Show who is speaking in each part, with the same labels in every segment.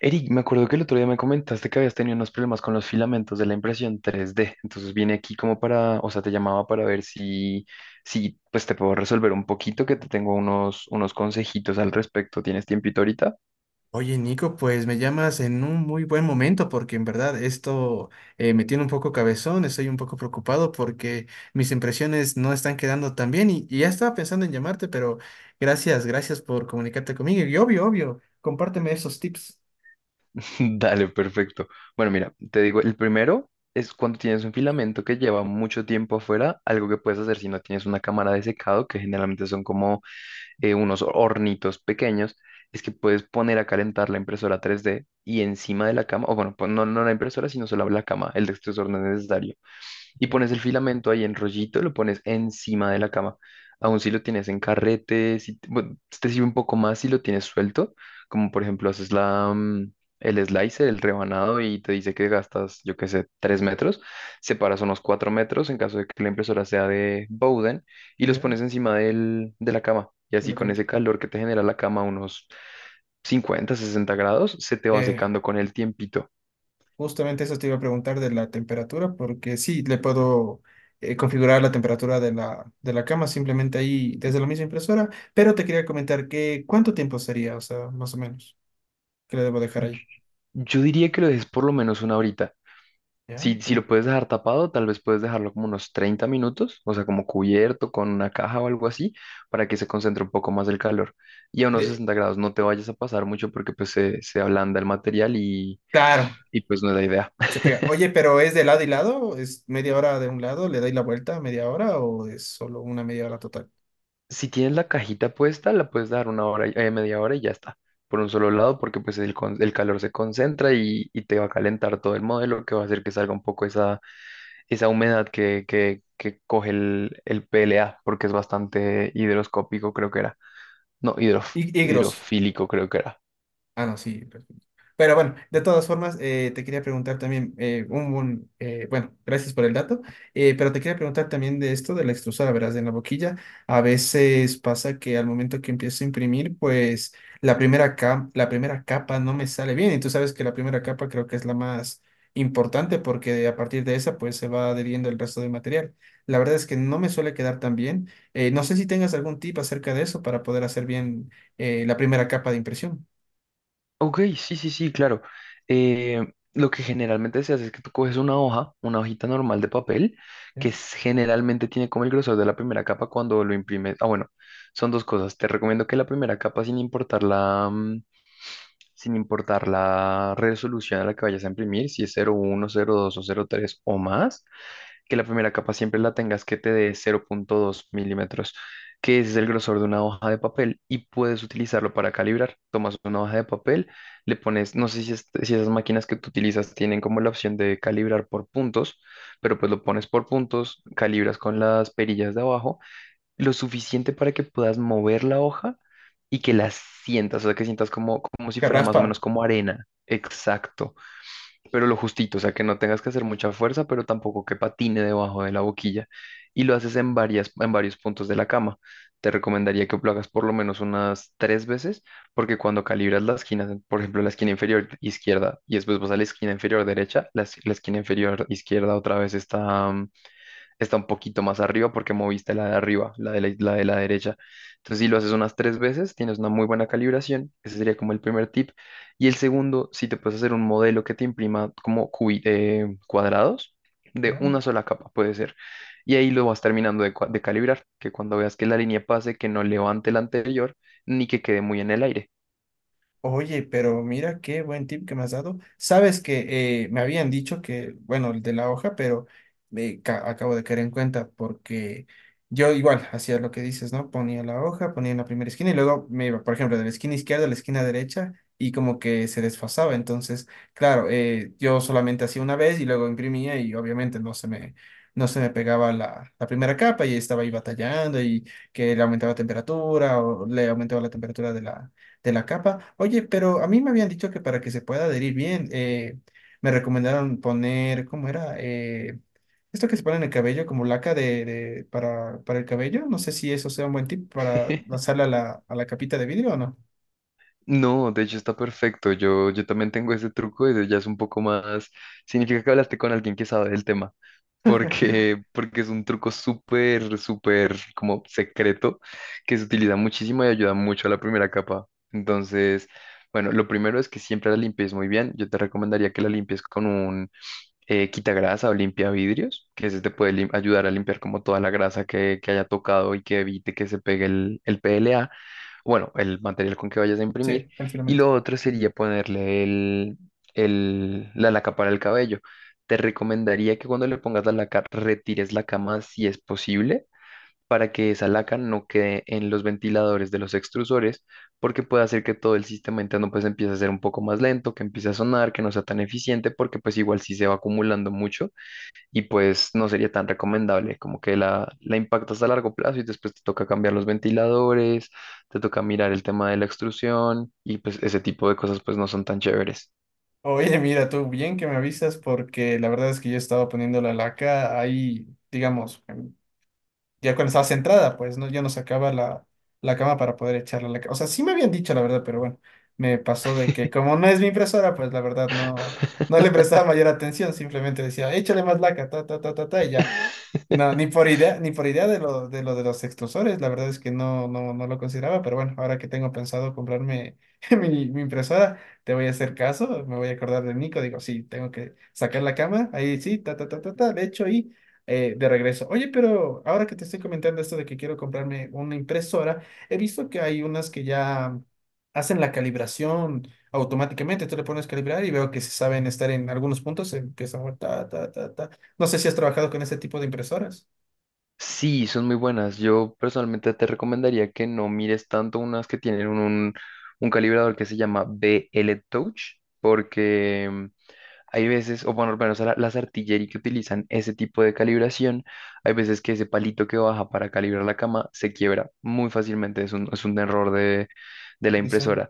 Speaker 1: Eric, me acuerdo que el otro día me comentaste que habías tenido unos problemas con los filamentos de la impresión tres d. Entonces vine aquí como para, o sea, te llamaba para ver si, si pues te puedo resolver un poquito, que te tengo unos consejitos al respecto. ¿Tienes tiempito ahorita?
Speaker 2: Oye, Nico, pues me llamas en un muy buen momento porque en verdad esto me tiene un poco cabezón, estoy un poco preocupado porque mis impresiones no están quedando tan bien y ya estaba pensando en llamarte, pero gracias por comunicarte conmigo y obvio, compárteme esos tips.
Speaker 1: Dale, perfecto. Bueno, mira, te digo, el primero es cuando tienes un filamento que lleva mucho tiempo afuera, algo que puedes hacer si no tienes una cámara de secado, que generalmente son como unos hornitos pequeños, es que puedes poner a calentar la impresora 3D y encima de la cama, o bueno, pues no, no la impresora, sino solo la cama, el extrusor no es necesario y
Speaker 2: Ok.
Speaker 1: pones el filamento ahí en rollito, lo pones encima de la cama. Aún si lo tienes en carrete, si, te bueno, te sirve un poco más si lo tienes suelto, como por ejemplo haces la, el slicer, el rebanado y te dice que gastas, yo qué sé, 3 metros, separas unos 4 metros en caso de que la impresora sea de Bowden y los
Speaker 2: Ya,
Speaker 1: pones encima del, de la cama. Y
Speaker 2: de
Speaker 1: así
Speaker 2: lo
Speaker 1: con
Speaker 2: que-
Speaker 1: ese calor que te genera la cama, unos 50 60 grados, se te va
Speaker 2: eh,
Speaker 1: secando con el tiempito.
Speaker 2: justamente eso te iba a preguntar de la temperatura porque sí, le puedo configurar la temperatura de la cama simplemente ahí desde la misma impresora, pero te quería comentar que cuánto tiempo sería, o sea, más o menos, que lo debo dejar ahí.
Speaker 1: Yo diría que lo dejes por lo menos una hora.
Speaker 2: Ya,
Speaker 1: Si, si
Speaker 2: ok.
Speaker 1: lo puedes dejar tapado, tal vez puedes dejarlo como unos 30 minutos, o sea, como cubierto con una caja o algo así, para que se concentre un poco más el calor. Y a unos
Speaker 2: De-
Speaker 1: 60 grados no te vayas a pasar mucho porque pues se ablanda el material
Speaker 2: claro,
Speaker 1: y pues no es la idea.
Speaker 2: se pega. Oye, pero ¿es de lado y lado? ¿Es media hora de un lado? ¿Le dais la vuelta media hora o es solo una media hora total?
Speaker 1: Si tienes la cajita puesta, la puedes dar una hora, y- media hora y ya está, por un solo lado, porque pues el, con- el calor se concentra y te va a calentar todo el modelo, que va a hacer que salga un poco esa, esa humedad que coge el PLA, porque es bastante higroscópico, creo que era. No, hidrof-
Speaker 2: Y grosso.
Speaker 1: hidrofílico creo que era.
Speaker 2: Ah, no, sí, perfecto. Pero bueno, de todas formas, te quería preguntar también, bueno, gracias por el dato, pero te quería preguntar también de esto de la extrusora, verás, de la boquilla. A veces pasa que al momento que empiezo a imprimir, pues la primera capa no me sale bien. Y tú sabes que la primera capa creo que es la más importante porque a partir de esa, pues se va adheriendo el resto del material. La verdad es que no me suele quedar tan bien. No sé si tengas algún tip acerca de eso para poder hacer bien, la primera capa de impresión.
Speaker 1: Ok, sí, sí, sí, claro. Eh, lo que generalmente se hace es que tú coges una hoja, una hojita normal de papel, que es- generalmente tiene como el grosor de la primera capa cuando lo imprimes. Ah, bueno, son dos cosas. Te recomiendo que la primera capa, sin importar la, sin importar la resolución a la que vayas a imprimir, si es cero uno cero dos o cero tres o más, que la primera capa siempre la tengas que te dé 0,2 milímetros, que es el grosor de una hoja de papel y puedes utilizarlo para calibrar. Tomas una hoja de papel, le pones, no sé si, es- si esas máquinas que tú utilizas tienen como la opción de calibrar por puntos, pero pues lo pones por puntos, calibras con las perillas de abajo, lo suficiente para que puedas mover la hoja y que la sientas, o sea, que sientas como, como si
Speaker 2: Que
Speaker 1: fuera más o
Speaker 2: raspa.
Speaker 1: menos como arena. Exacto, pero lo justito, o sea, que no tengas que hacer mucha fuerza, pero tampoco que patine debajo de la boquilla. Y lo haces en varias, en varios puntos de la cama. Te recomendaría que lo hagas por lo menos unas tres veces, porque cuando calibras las esquinas, por ejemplo, la esquina inferior izquierda y después vas a la esquina inferior derecha, la, es- la esquina inferior izquierda otra vez está está un poquito más arriba porque moviste la de arriba, la de la derecha. Entonces, si lo haces unas tres veces, tienes una muy buena calibración. Ese sería como el primer tip. Y el segundo, si te puedes hacer un modelo que te imprima como cubi cuadrados de
Speaker 2: Ya.
Speaker 1: una sola capa, puede ser. Y ahí lo vas terminando de, cua- de calibrar, que cuando veas que la línea pase, que no levante la anterior, ni que quede muy en el aire.
Speaker 2: Oye, pero mira qué buen tip que me has dado. Sabes que me habían dicho que, bueno, el de la hoja, pero acabo de caer en cuenta porque yo igual hacía lo que dices, ¿no? Ponía la hoja, ponía en la primera esquina y luego me iba, por ejemplo, de la esquina izquierda a la esquina derecha y como que se desfasaba. Entonces, claro, yo solamente hacía una vez y luego imprimía y obviamente no se me pegaba la primera capa y estaba ahí batallando y que le aumentaba temperatura o le aumentaba la temperatura de la capa. Oye, pero a mí me habían dicho que para que se pueda adherir bien, me recomendaron poner, ¿cómo era? Esto que se pone en el cabello, como laca para el cabello. No sé si eso sea un buen tip para lanzarla a la capita de vidrio o no.
Speaker 1: No, de hecho está perfecto. Yo también tengo ese truco y ya es un poco más. Significa que hablaste con alguien que sabe del tema, porque es un truco súper, súper como secreto que se utiliza muchísimo y ayuda mucho a la primera capa. Entonces, bueno, lo primero es que siempre la limpies muy bien. Yo te recomendaría que la limpies con un quitagrasa o limpia vidrios, que ese te puede lim- ayudar a limpiar como toda la grasa que haya tocado y que evite que se pegue el PLA, bueno, el material con que vayas a imprimir,
Speaker 2: Sí, el
Speaker 1: y
Speaker 2: filamento.
Speaker 1: lo otro sería ponerle el- la laca para el cabello. Te recomendaría que cuando le pongas la laca, retires la cama si es posible, para que esa laca no quede en los ventiladores de los extrusores, porque puede hacer que todo el sistema interno pues empiece a ser un poco más lento, que empiece a sonar, que no sea tan eficiente, porque pues igual si se va acumulando mucho y pues no sería tan recomendable, como que la impactas a largo plazo y después te toca cambiar los ventiladores, te toca mirar el tema de la extrusión y pues ese tipo de cosas pues no son tan chéveres.
Speaker 2: Oye, mira, tú bien que me avisas porque la verdad es que yo estaba poniendo la laca ahí, digamos, ya cuando estaba centrada, pues no, ya no sacaba la cama para poder echarla a O sea, sí me habían dicho la verdad, pero bueno, me pasó de que como no es mi impresora, pues la verdad no le prestaba mayor atención, simplemente decía, échale más laca, ta, ta, ta, ta, ta, y ya. No, ni por idea, ni por idea de lo de los extrusores, la verdad es que no lo consideraba, pero bueno, ahora que tengo pensado comprarme mi impresora, te voy a hacer caso, me voy a acordar de Nico, digo, sí, tengo que sacar la cama, ahí sí, ta, ta, ta, ta, ta, de hecho, y de regreso. Oye, pero ahora que te estoy comentando esto de que quiero comprarme una impresora, he visto que hay unas que ya hacen la calibración automáticamente, tú le pones calibrar y veo que se saben estar en algunos puntos, empiezan, a ta, ta, ta, ta. No sé si has trabajado con ese tipo de impresoras.
Speaker 1: Sí, son muy buenas. Yo personalmente te recomendaría que no mires tanto unas que tienen un calibrador que se llama BL Touch, porque hay veces, o bueno, al menos la- las artillerías que utilizan ese tipo de calibración, hay veces que ese palito que baja para calibrar la cama se quiebra muy fácilmente, es un error de la
Speaker 2: Dicen
Speaker 1: impresora.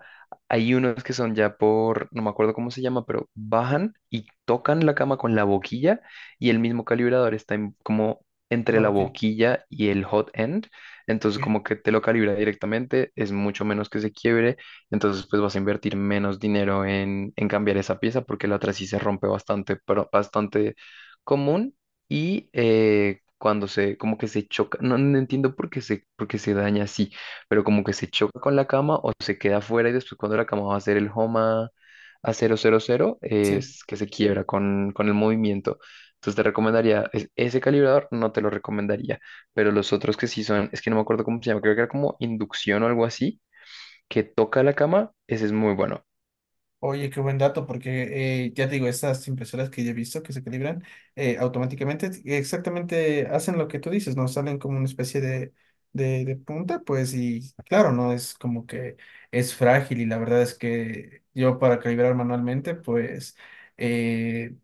Speaker 1: Hay unos que son ya por, no me acuerdo cómo se llama, pero bajan y tocan la cama con la boquilla y el mismo calibrador está en- como
Speaker 2: en
Speaker 1: entre
Speaker 2: la
Speaker 1: la
Speaker 2: boquilla.
Speaker 1: boquilla y el hot end, entonces
Speaker 2: Ok.
Speaker 1: como que te lo calibra directamente, es mucho menos que se quiebre, entonces, pues vas a invertir menos dinero en cambiar esa pieza porque la otra sí se rompe bastante, pero bastante común y cuando se, como que se choca, no, no entiendo por qué se daña así, pero como que se choca con la cama o se queda afuera y después cuando la cama va a hacer el homa a cero cero cero
Speaker 2: Sí.
Speaker 1: es que se quiebra con el movimiento. Entonces te recomendaría, es- ese calibrador no te lo recomendaría, pero los otros que sí son, es que no me acuerdo cómo se llama, creo que era como inducción o algo así, que toca la cama, ese es muy bueno.
Speaker 2: Oye, qué buen dato, porque ya te digo, estas impresoras que yo he visto que se calibran automáticamente, exactamente hacen lo que tú dices, ¿no? Salen como una especie de punta, pues, y claro, no es como que es frágil, y la verdad es que yo para calibrar manualmente, pues, eh,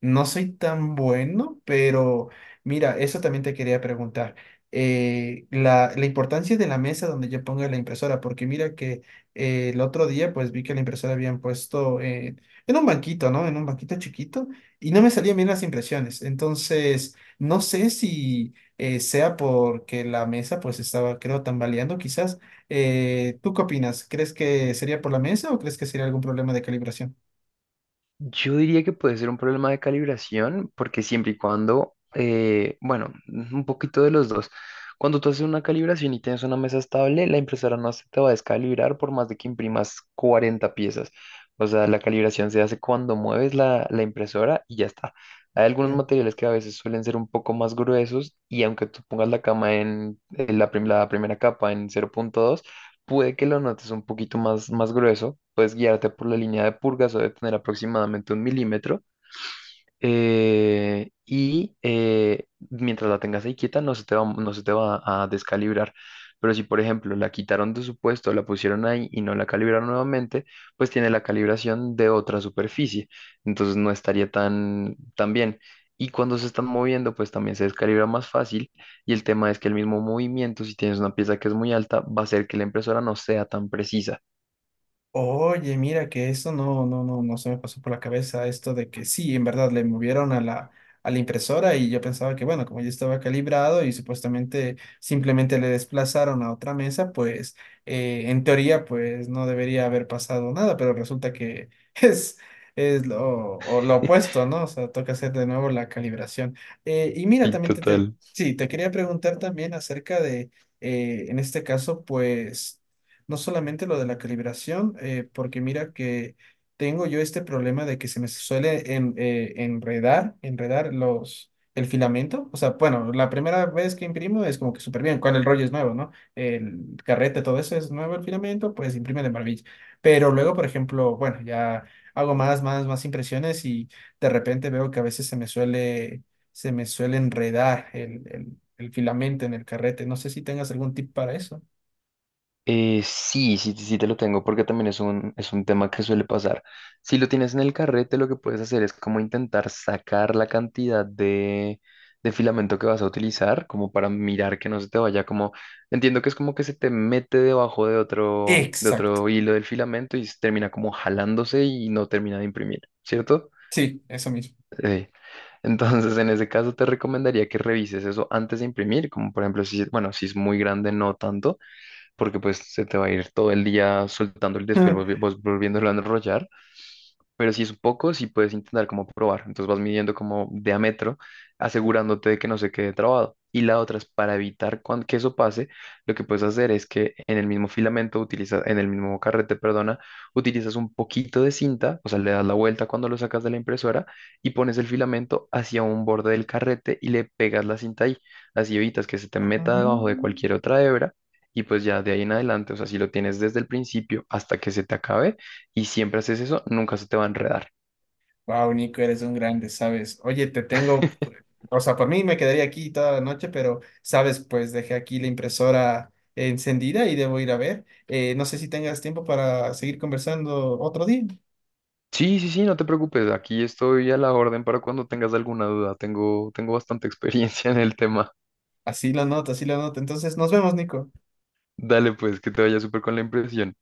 Speaker 2: no soy tan bueno, pero mira, eso también te quería preguntar. La importancia de la mesa donde yo ponga la impresora, porque mira que el otro día pues vi que la impresora habían puesto en un banquito, ¿no? En un banquito chiquito y no me salían bien las impresiones. Entonces, no sé si sea porque la mesa pues estaba, creo, tambaleando quizás. ¿Tú qué opinas? ¿Crees que sería por la mesa o crees que sería algún problema de calibración?
Speaker 1: Yo diría que puede ser un problema de calibración, porque siempre y cuando, bueno, un poquito de los dos. Cuando tú haces una calibración y tienes una mesa estable, la impresora no se te va a descalibrar por más de que imprimas 40 piezas. O sea, la calibración se hace cuando mueves la, la impresora y ya está. Hay algunos materiales que a veces suelen ser un poco más gruesos y aunque tú pongas la cama en la, prim- la primera capa en cero punto dos. Puede que lo notes un poquito más, más grueso, puedes guiarte por la línea de purgas o de tener aproximadamente un milímetro, mientras la tengas ahí quieta no se te va, no se te va a descalibrar. Pero si, por ejemplo, la quitaron de su puesto, la pusieron ahí y no la calibraron nuevamente, pues tiene la calibración de otra superficie. Entonces no estaría tan, tan bien. Y cuando se están moviendo, pues también se descalibra más fácil. Y el tema es que el mismo movimiento, si tienes una pieza que es muy alta, va a hacer que la impresora no sea tan precisa.
Speaker 2: Oye, mira que eso no se me pasó por la cabeza esto de que sí, en verdad le movieron a a la impresora y yo pensaba que bueno, como ya estaba calibrado y supuestamente simplemente le desplazaron a otra mesa, pues en teoría pues no debería haber pasado nada, pero resulta que es, es lo, o lo opuesto, ¿no? O sea, toca hacer de nuevo la calibración. Y mira,
Speaker 1: Sí,
Speaker 2: también
Speaker 1: total.
Speaker 2: sí, te quería preguntar también acerca de, en este caso, pues... No solamente lo de la calibración, porque mira que tengo yo este problema de que se me suele en- enredar, enredar los, el filamento. O sea, bueno, la primera vez que imprimo es como que súper bien, cuando el rollo es nuevo, ¿no? El carrete, todo eso es nuevo, el filamento, pues imprime de maravilla. Pero luego, por ejemplo, bueno, ya hago más impresiones y de repente veo que a veces se me suele enredar el el filamento en el carrete. No sé si tengas algún tip para eso.
Speaker 1: Sí, sí, sí te lo tengo porque también es un tema que suele pasar. Si lo tienes en el carrete, lo que puedes hacer es como intentar sacar la cantidad de filamento que vas a utilizar, como para mirar que no se te vaya como, entiendo que es como que se te mete debajo de
Speaker 2: Exacto.
Speaker 1: otro hilo del filamento y se termina como jalándose y no termina de imprimir, ¿cierto?
Speaker 2: Sí, eso mismo.
Speaker 1: Sí. Entonces, en ese caso, te recomendaría que revises eso antes de imprimir, como por ejemplo, si, bueno, si es muy grande, no tanto porque pues se te va a ir todo el día soltando el después volvi- vos volviéndolo a enrollar. Pero si es un poco, sí puedes intentar como probar. Entonces vas midiendo como de a metro, asegurándote de que no se quede trabado. Y la otra es para evitar cuan- que eso pase, lo que puedes hacer es que en el mismo filamento utilizas, en el mismo carrete, perdona, utilizas un poquito de cinta, o sea, le das la vuelta cuando lo sacas de la impresora y pones el filamento hacia un borde del carrete y le pegas la cinta ahí. Así evitas que se te meta debajo de cualquier otra hebra y pues ya de ahí en adelante, o sea, si lo tienes desde el principio hasta que se te acabe y siempre haces eso, nunca se te va a enredar.
Speaker 2: Wow, Nico, eres un grande, ¿sabes? Oye, te tengo, o sea, por mí me quedaría aquí toda la noche, pero, ¿sabes? Pues dejé aquí la impresora encendida y debo ir a ver. No sé si tengas tiempo para seguir conversando otro día.
Speaker 1: Sí, sí, sí, no te preocupes, aquí estoy a la orden para cuando tengas alguna duda, tengo, tengo bastante experiencia en el tema.
Speaker 2: Así lo noto, así lo noto. Entonces, nos vemos, Nico.
Speaker 1: Dale pues, que te vaya súper con la impresión.